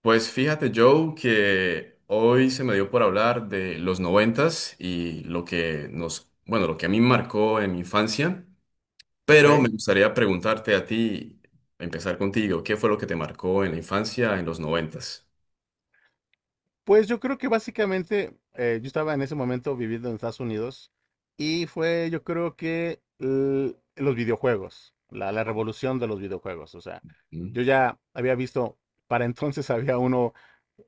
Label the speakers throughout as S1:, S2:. S1: Pues fíjate, Joe, que hoy se me dio por hablar de los noventas y lo que nos, bueno, lo que a mí me marcó en mi infancia, pero
S2: Ok.
S1: me gustaría preguntarte a ti, empezar contigo, ¿qué fue lo que te marcó en la infancia en los noventas?
S2: Pues yo creo que básicamente yo estaba en ese momento viviendo en Estados Unidos y fue yo creo que los videojuegos, la revolución de los videojuegos. O sea,
S1: Mm.
S2: yo ya había visto, para entonces había uno,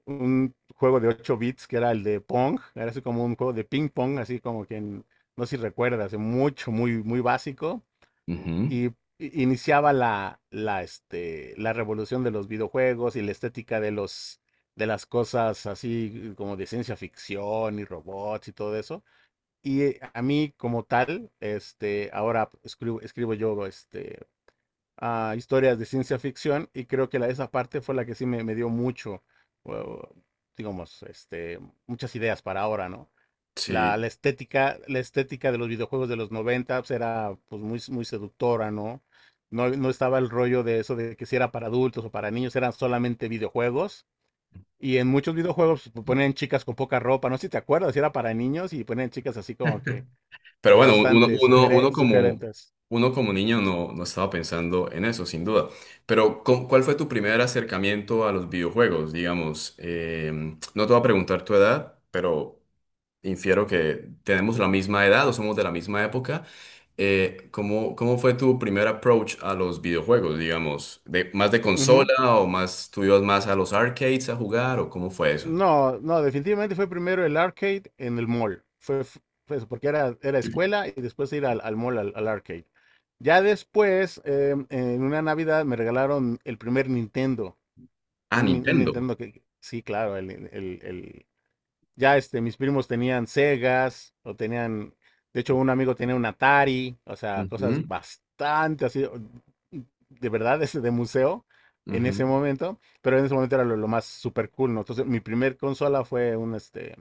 S2: un juego de 8 bits que era el de Pong, era así como un juego de ping pong, así como no sé si recuerdas, mucho, muy básico. Y
S1: Ujú.
S2: iniciaba la revolución de los videojuegos y la estética de los, de las cosas así como de ciencia ficción y robots y todo eso. Y a mí como tal, este, ahora escribo, escribo yo este, a historias de ciencia ficción y creo que la, esa parte fue la que sí me dio mucho, o- digamos, este, muchas ideas para ahora, ¿no?
S1: Sí.
S2: La estética de los videojuegos de los 90 pues, era pues muy, muy seductora, ¿no? No estaba el rollo de eso de que si era para adultos o para niños, eran solamente videojuegos. Y en muchos videojuegos pues, ponían chicas con poca ropa, no sé si te acuerdas, si era para niños y ponían chicas así como que,
S1: Pero
S2: pues
S1: bueno, uno,
S2: bastante
S1: uno, uno como,
S2: sugerentes.
S1: uno como niño no, no estaba pensando en eso, sin duda. Pero, ¿cuál fue tu primer acercamiento a los videojuegos? Digamos, no te voy a preguntar tu edad, pero infiero que tenemos la misma edad o somos de la misma época. ¿Cómo, cómo fue tu primer approach a los videojuegos, digamos? ¿De más de consola o más tú ibas más a los arcades a jugar o cómo fue eso?
S2: No, definitivamente fue primero el arcade en el mall. Fue, fue eso, porque era, era escuela y después ir al mall, al arcade. Ya después, en una Navidad, me regalaron el primer Nintendo.
S1: Ah,
S2: Un, un
S1: Nintendo.
S2: Nintendo que, sí, claro, ya este, mis primos tenían Segas, o tenían, de hecho, un amigo tenía un Atari, o sea, cosas
S1: Ujú,
S2: bastante así, o- de verdad, ese de museo en ese
S1: ujú.
S2: momento, pero en ese momento era lo más super cool, ¿no? Entonces, mi primer consola fue un, este,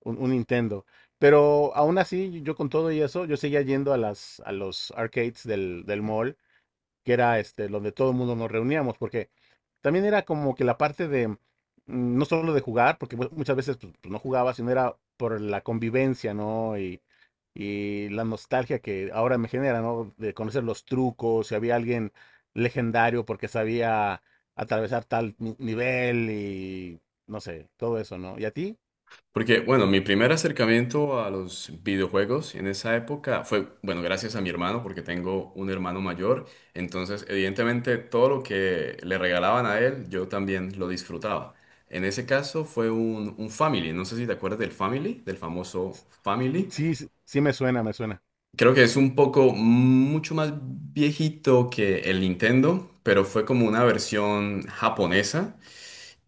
S2: un Nintendo. Pero aún así, yo con todo y eso, yo seguía yendo a las, a los arcades del mall que era este, donde todo el mundo nos reuníamos, porque también era como que la parte de, no solo de jugar, porque muchas veces pues, pues, no jugaba, sino era por la convivencia, ¿no? Y la nostalgia que ahora me genera, ¿no? De conocer los trucos, si había alguien legendario porque sabía atravesar tal nivel y no sé, todo eso, ¿no? ¿Y a ti?
S1: Porque, bueno, mi primer acercamiento a los videojuegos en esa época fue, bueno, gracias a mi hermano, porque tengo un hermano mayor. Entonces, evidentemente, todo lo que le regalaban a él, yo también lo disfrutaba. En ese caso fue un Family. No sé si te acuerdas del Family, del famoso Family.
S2: Sí, sí me suena, me suena.
S1: Creo que es un poco mucho más viejito que el Nintendo, pero fue como una versión japonesa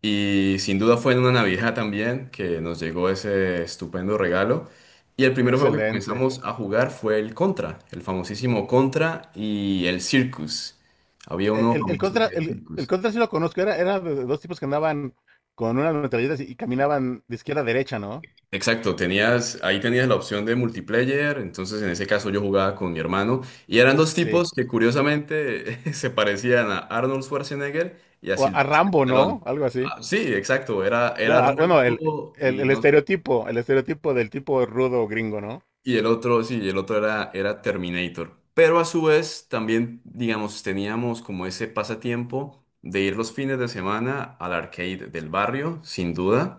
S1: y sin duda fue en una Navidad también que nos llegó ese estupendo regalo. Y el primer juego que
S2: Excelente.
S1: comenzamos a jugar fue el Contra, el famosísimo Contra y el Circus. Había uno
S2: El,
S1: famoso que era
S2: el
S1: Circus.
S2: contra sí lo conozco, era, era de dos tipos que andaban con unas metralletas y caminaban de izquierda a derecha, ¿no?
S1: Exacto, tenías, ahí tenías la opción de multiplayer, entonces en ese caso yo jugaba con mi hermano y eran dos
S2: Sí.
S1: tipos que curiosamente se parecían a Arnold Schwarzenegger y a
S2: O a
S1: Sylvester
S2: Rambo,
S1: Stallone.
S2: ¿no? Algo así.
S1: Ah, sí, exacto, era,
S2: Bueno,
S1: era
S2: bueno,
S1: rango y no.
S2: el estereotipo del tipo rudo gringo, ¿no?
S1: Y el otro, sí, y el otro era Terminator. Pero a su vez también, digamos, teníamos como ese pasatiempo de ir los fines de semana al arcade del barrio, sin duda.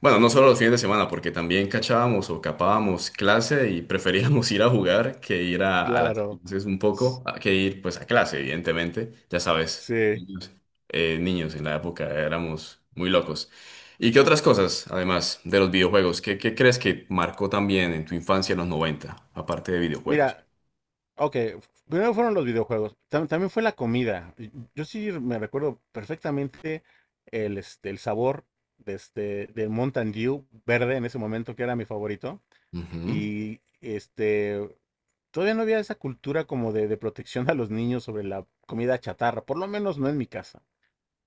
S1: Bueno, no solo los fines de semana, porque también cachábamos o capábamos clase y preferíamos ir a jugar que ir a las
S2: Claro.
S1: clases un
S2: S-
S1: poco, que ir pues a clase, evidentemente. Ya sabes,
S2: sí.
S1: niños, niños en la época éramos muy locos. ¿Y qué otras cosas, además de los videojuegos? ¿Qué, qué crees que marcó también en tu infancia en los noventa, aparte de videojuegos?
S2: Mira, ok. Primero fueron los videojuegos. También fue la comida. Yo sí me recuerdo perfectamente el, este, el sabor de este, del Mountain Dew verde en ese momento, que era mi favorito.
S1: Ujú.
S2: Y este, todavía no había esa cultura como de protección a los niños sobre la comida chatarra, por lo menos no en mi casa.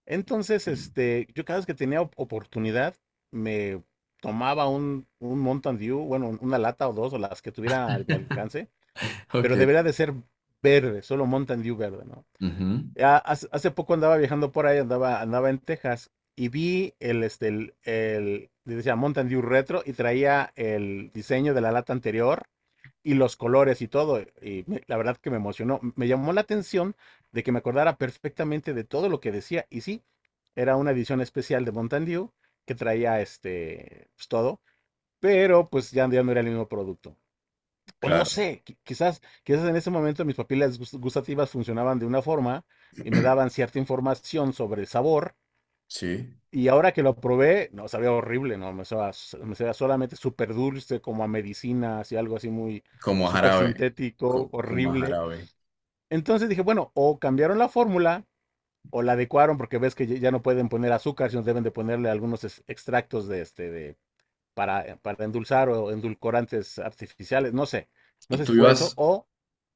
S2: Entonces, este, yo cada vez que tenía oportunidad, me tomaba un Mountain Dew, bueno, una lata o dos, o las que tuviera a mi alcance,
S1: Ok.
S2: pero debería de ser verde, solo Mountain Dew verde, ¿no?
S1: Ujú.
S2: Ya hace, hace poco andaba viajando por ahí, andaba, andaba en Texas, y vi el, este, decía Mountain Dew Retro y traía el diseño de la lata anterior y los colores y todo. Y la verdad que me emocionó. Me llamó la atención de que me acordara perfectamente de todo lo que decía. Y sí, era una edición especial de Mountain Dew que traía este, pues, todo, pero pues ya, ya no era el mismo producto. O no
S1: Claro,
S2: sé, quizás, quizás en ese momento mis papilas gustativas funcionaban de una forma y me daban cierta información sobre el sabor
S1: sí.
S2: y ahora que lo probé, no, sabía horrible, no, me sabía solamente súper dulce, como a medicina, así algo así muy
S1: Como a
S2: súper
S1: jarabe.
S2: sintético,
S1: Como a
S2: horrible.
S1: jarabe.
S2: Entonces dije, bueno, o cambiaron la fórmula o la adecuaron, porque ves que ya no pueden poner azúcar, sino deben de ponerle algunos extractos de este, de, para endulzar o endulcorantes artificiales, no sé, no
S1: ¿Y
S2: sé si
S1: tú
S2: fue eso,
S1: ibas?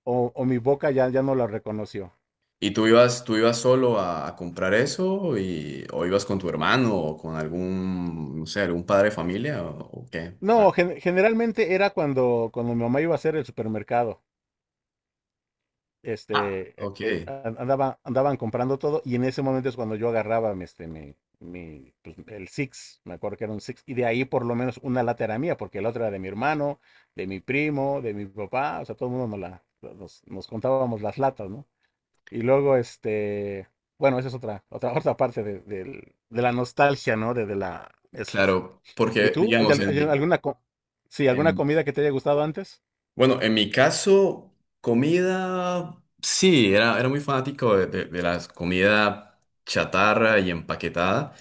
S2: o mi boca ya, ya no lo reconoció.
S1: ¿Y tú ibas solo a comprar eso? Y, ¿o ibas con tu hermano o con algún, no sé, algún padre de familia, o qué? Ah.
S2: No, generalmente era cuando, cuando mi mamá iba a hacer el supermercado.
S1: Ah,
S2: Este,
S1: ok.
S2: andaba, andaban comprando todo y en ese momento es cuando yo agarraba mi, este, mi, pues, el Six, me acuerdo que era un Six, y de ahí por lo menos una lata era mía, porque la otra era de mi hermano, de mi primo, de mi papá, o sea, todo el mundo nos, la, nos, nos contábamos las latas, ¿no? Y luego, este, bueno, esa es otra, otra, otra parte de, de la nostalgia, ¿no? De la... Es,
S1: Claro,
S2: ¿y
S1: porque
S2: tú? ¿Hay,
S1: digamos,
S2: hay alguna, sí, alguna
S1: en-
S2: comida que te haya gustado antes?
S1: bueno, en mi caso, comida, sí, era, era muy fanático de las comida chatarra y empaquetada.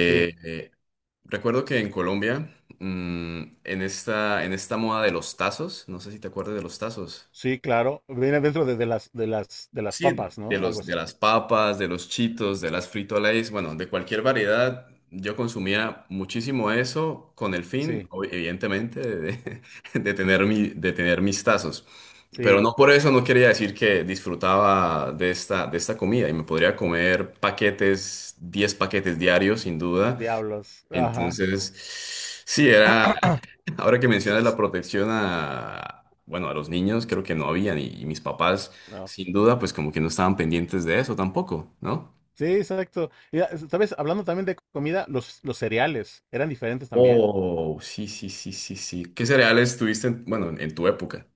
S2: Sí.
S1: eh, recuerdo que en Colombia, en esta moda de los tazos, no sé si te acuerdas de los tazos.
S2: Sí, claro. Viene dentro de, de las
S1: Sí,
S2: papas,
S1: de
S2: ¿no? Algo
S1: los, de
S2: así.
S1: las papas, de los chitos, de las Frito Lays, bueno, de cualquier variedad. Yo consumía muchísimo eso con el fin,
S2: Sí,
S1: evidentemente, de, de tener mi, de tener mis tazos. Pero
S2: sí.
S1: no por eso no quería decir que disfrutaba de esta comida y me podría comer paquetes, 10 paquetes diarios, sin duda.
S2: Diablos. Ajá.
S1: Entonces, sí, era.
S2: S-
S1: Ahora que mencionas la
S2: s-
S1: protección a, bueno, a los niños, creo que no habían y mis papás,
S2: no.
S1: sin duda, pues como que no estaban pendientes de eso tampoco, ¿no?
S2: Sí, exacto. Mira, sabes, hablando también de comida, los cereales eran diferentes también.
S1: Oh, sí, sí, sí, sí, sí. ¿Qué cereales tuviste, bueno, en tu época,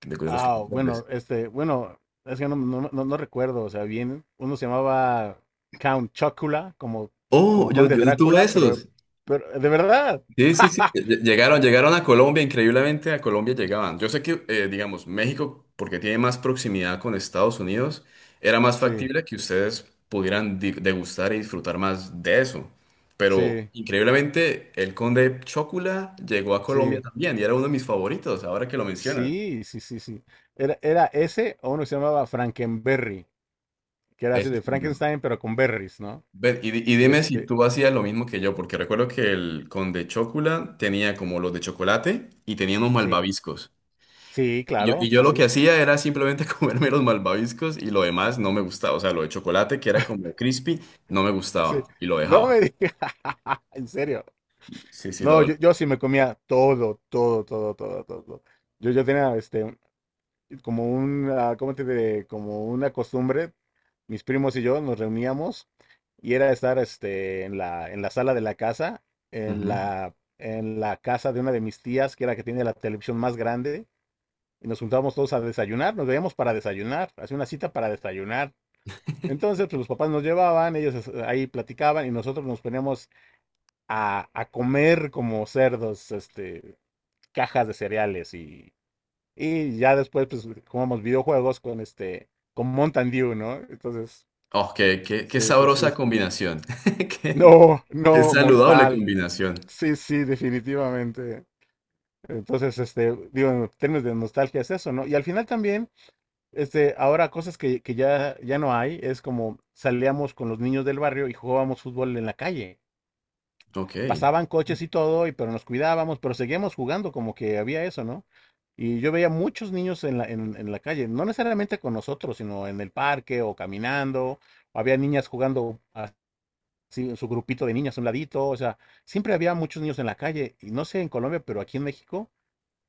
S1: de los que te
S2: Ah, bueno,
S1: acuerdes?
S2: este, bueno, es que no, no, no recuerdo, o sea, bien, uno se llamaba Count Chocula, como,
S1: Oh,
S2: como
S1: yo,
S2: Conde
S1: yo tuve
S2: Drácula,
S1: esos.
S2: pero, de verdad.
S1: Sí, sí, sí. Llegaron, llegaron a Colombia, increíblemente a Colombia llegaban. Yo sé que, digamos, México, porque tiene más proximidad con Estados Unidos, era más
S2: Sí,
S1: factible que ustedes pudieran degustar y disfrutar más de eso. Pero
S2: sí,
S1: increíblemente, el Conde Chocula llegó a Colombia
S2: sí.
S1: también y era uno de mis favoritos, ahora que lo mencionas.
S2: Sí, sí, sí, sí. Era, era ese o uno que se llamaba Frankenberry, que era así
S1: Ese
S2: de
S1: sí, no.
S2: Frankenstein, pero con berries, ¿no?
S1: Ven, y
S2: Y
S1: dime si
S2: este,
S1: tú hacías lo mismo que yo, porque recuerdo que el Conde Chocula tenía como los de chocolate y tenía unos
S2: sí,
S1: malvaviscos.
S2: sí,
S1: Y yo, y
S2: claro,
S1: yo
S2: sí,
S1: lo que
S2: sí,
S1: hacía era simplemente comerme los malvaviscos y lo demás no me gustaba. O sea, lo de chocolate, que era como crispy, no me gustaba
S2: sí.
S1: y lo
S2: No
S1: dejaba.
S2: me digas, en serio.
S1: Sí, sí,
S2: No,
S1: lo...
S2: yo sí me comía todo, todo, todo, todo, todo. Yo tenía este, como una, ¿cómo te diré? Como una costumbre, mis primos y yo nos reuníamos y era estar este, en la sala de la casa,
S1: Ujú.
S2: en la casa de una de mis tías, que era la que tiene la televisión más grande, y nos juntábamos todos a desayunar, nos veíamos para desayunar, hacía una cita para desayunar. Entonces, pues los papás nos llevaban, ellos ahí platicaban y nosotros nos poníamos a comer como cerdos, este, cajas de cereales y ya después, pues, jugamos videojuegos con este, con Mountain Dew, ¿no? Entonces,
S1: Oh, qué, qué, qué
S2: sí, sí, sí.
S1: sabrosa combinación. Qué,
S2: No,
S1: qué
S2: no,
S1: saludable
S2: mortal.
S1: combinación.
S2: Sí, sí, definitivamente. Entonces, este, digo, en términos de nostalgia es eso, ¿no? Y al final también, este, ahora cosas que ya, ya no hay, es como salíamos con los niños del barrio y jugábamos fútbol en la calle.
S1: Ok.
S2: Pasaban coches y todo, y pero nos cuidábamos, pero seguíamos jugando, como que había eso, ¿no? Y yo veía muchos niños en la, en la calle, no necesariamente con nosotros, sino en el parque o caminando, o había niñas jugando así, su grupito de niñas a un ladito, o sea, siempre había muchos niños en la calle, y no sé en Colombia, pero aquí en México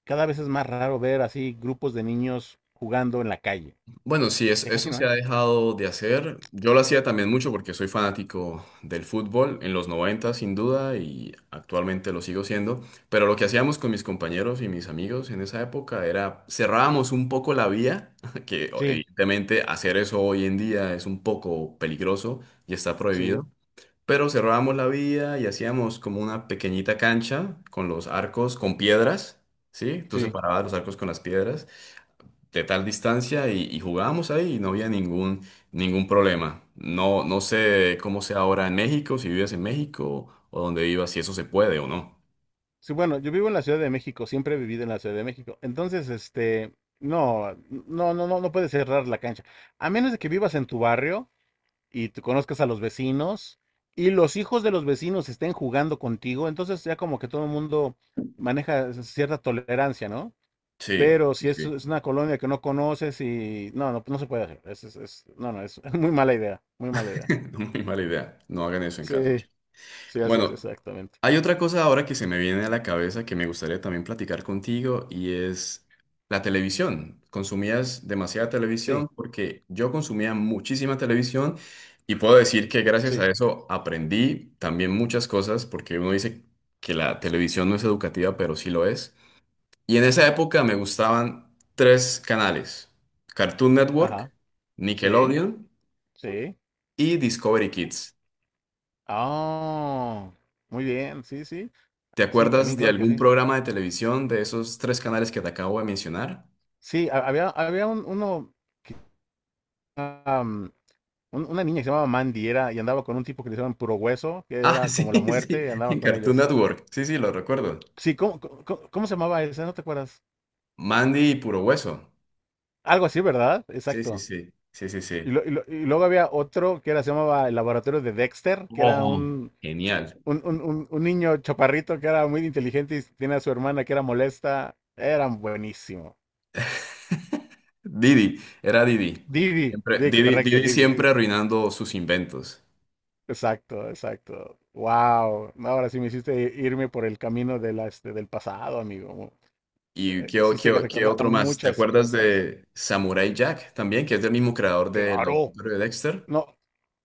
S2: cada vez es más raro ver así grupos de niños jugando en la calle,
S1: Bueno, sí,
S2: ya casi
S1: eso
S2: no
S1: se
S2: hay.
S1: ha dejado de hacer. Yo lo hacía también mucho porque soy fanático del fútbol en los 90, sin duda, y actualmente lo sigo siendo. Pero lo que hacíamos con mis compañeros y mis amigos en esa época era cerrábamos un poco la vía, que
S2: Sí,
S1: evidentemente hacer eso hoy en día es un poco peligroso y está
S2: sí,
S1: prohibido. Pero cerrábamos la vía y hacíamos como una pequeñita cancha con los arcos, con piedras, ¿sí? Tú
S2: sí.
S1: separabas los arcos con las piedras de tal distancia y jugábamos ahí y no había ningún, ningún problema. No, no sé cómo sea ahora en México, si vives en México o donde vivas, si eso se puede o no.
S2: Sí, bueno, yo vivo en la Ciudad de México, siempre he vivido en la Ciudad de México. Entonces, este, no, no, no, no, no puedes cerrar la cancha. A menos de que vivas en tu barrio y te conozcas a los vecinos y los hijos de los vecinos estén jugando contigo, entonces ya como que todo el mundo maneja cierta tolerancia, ¿no?
S1: Sí,
S2: Pero si es,
S1: sí.
S2: es una colonia que no conoces y no, no, no se puede hacer. No, no, es muy mala idea, muy mala idea.
S1: Muy mala idea. No hagan eso en
S2: Sí,
S1: casa.
S2: sí, así es,
S1: Bueno,
S2: exactamente.
S1: hay otra cosa ahora que se me viene a la cabeza que me gustaría también platicar contigo y es la televisión. Consumías demasiada
S2: Sí,
S1: televisión porque yo consumía muchísima televisión y puedo decir que gracias
S2: sí,
S1: a eso aprendí también muchas cosas porque uno dice que la televisión no es educativa, pero sí lo es. Y en esa época me gustaban tres canales: Cartoon
S2: ajá,
S1: Network,
S2: sí,
S1: Nickelodeon
S2: sí.
S1: y Discovery Kids.
S2: Ah, muy bien, sí, sí,
S1: ¿Te
S2: sí,
S1: acuerdas
S2: también
S1: de
S2: claro que
S1: algún
S2: sí.
S1: programa de televisión de esos tres canales que te acabo de mencionar?
S2: Sí, había, había uno, que, am, una niña que se llamaba Mandy era, y andaba con un tipo que le llamaban Puro Hueso, que
S1: Ah,
S2: era
S1: sí,
S2: como la
S1: sí,
S2: muerte, y andaba
S1: en
S2: con
S1: Cartoon
S2: ellos.
S1: Network. Sí, sí, lo recuerdo.
S2: Sí, ¿cómo, cómo, cómo se llamaba esa? ¿No te acuerdas?
S1: Mandy y Puro Hueso.
S2: Algo así, ¿verdad?
S1: Sí, sí,
S2: Exacto.
S1: sí, sí, sí,
S2: Y,
S1: sí.
S2: y y luego había otro que era, se llamaba El Laboratorio de Dexter, que era
S1: Oh. Genial.
S2: un, un niño chaparrito que era muy inteligente y tiene a su hermana que era molesta. Eran buenísimo.
S1: Didi, era Didi.
S2: Didi,
S1: Siempre,
S2: sí,
S1: Didi,
S2: correcto,
S1: Didi
S2: Didi,
S1: siempre
S2: Didi.
S1: arruinando sus inventos.
S2: Exacto, exacto. Wow. Ahora sí me hiciste irme por el camino de la, este, del pasado, amigo.
S1: ¿Y qué, qué,
S2: Hiciste que
S1: qué
S2: recordara
S1: otro más? ¿Te
S2: muchas
S1: acuerdas
S2: cosas.
S1: de Samurai Jack también, que es del mismo creador del
S2: Claro.
S1: Laboratorio de Dexter?
S2: No,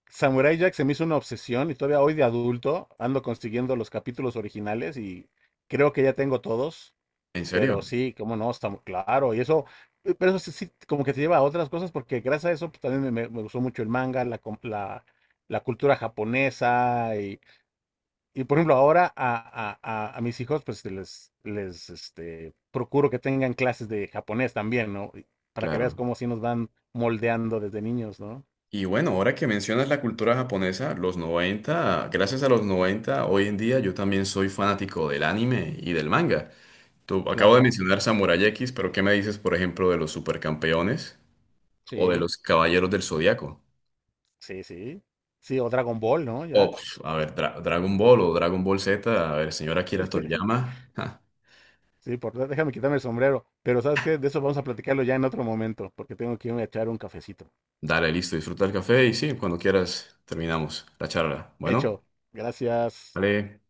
S2: Samurai Jack se me hizo una obsesión y todavía hoy de adulto ando consiguiendo los capítulos originales y creo que ya tengo todos,
S1: ¿En serio?
S2: pero sí, cómo no, está muy claro. Y eso, pero eso sí, sí, como que te lleva a otras cosas porque gracias a eso pues, también me, me gustó mucho el manga, la, la, la cultura japonesa. Y por ejemplo, ahora a, a mis hijos, pues les este, procuro que tengan clases de japonés también, ¿no? Y para que veas
S1: Claro.
S2: cómo sí nos van moldeando desde niños, ¿no?
S1: Y bueno, ahora que mencionas la cultura japonesa, los 90, gracias a los 90, hoy en día yo también soy fanático del anime y del manga. Tú, acabo de
S2: Claro,
S1: mencionar Samurai X, pero ¿qué me dices, por ejemplo, de los supercampeones o de
S2: sí,
S1: los Caballeros del Zodiaco?
S2: sí, sí. Sí, o Dragon Ball, ¿no?
S1: O,
S2: Ya.
S1: pf, a ver, Dragon Ball o Dragon Ball Z, a ver, señora Akira Toriyama. Ja,
S2: Sí, por, déjame quitarme el sombrero. Pero ¿sabes qué? De eso vamos a platicarlo ya en otro momento, porque tengo que irme a echar un cafecito.
S1: dale, listo, disfruta el café y sí, cuando quieras terminamos la charla. Bueno,
S2: Hecho. Gracias.
S1: vale.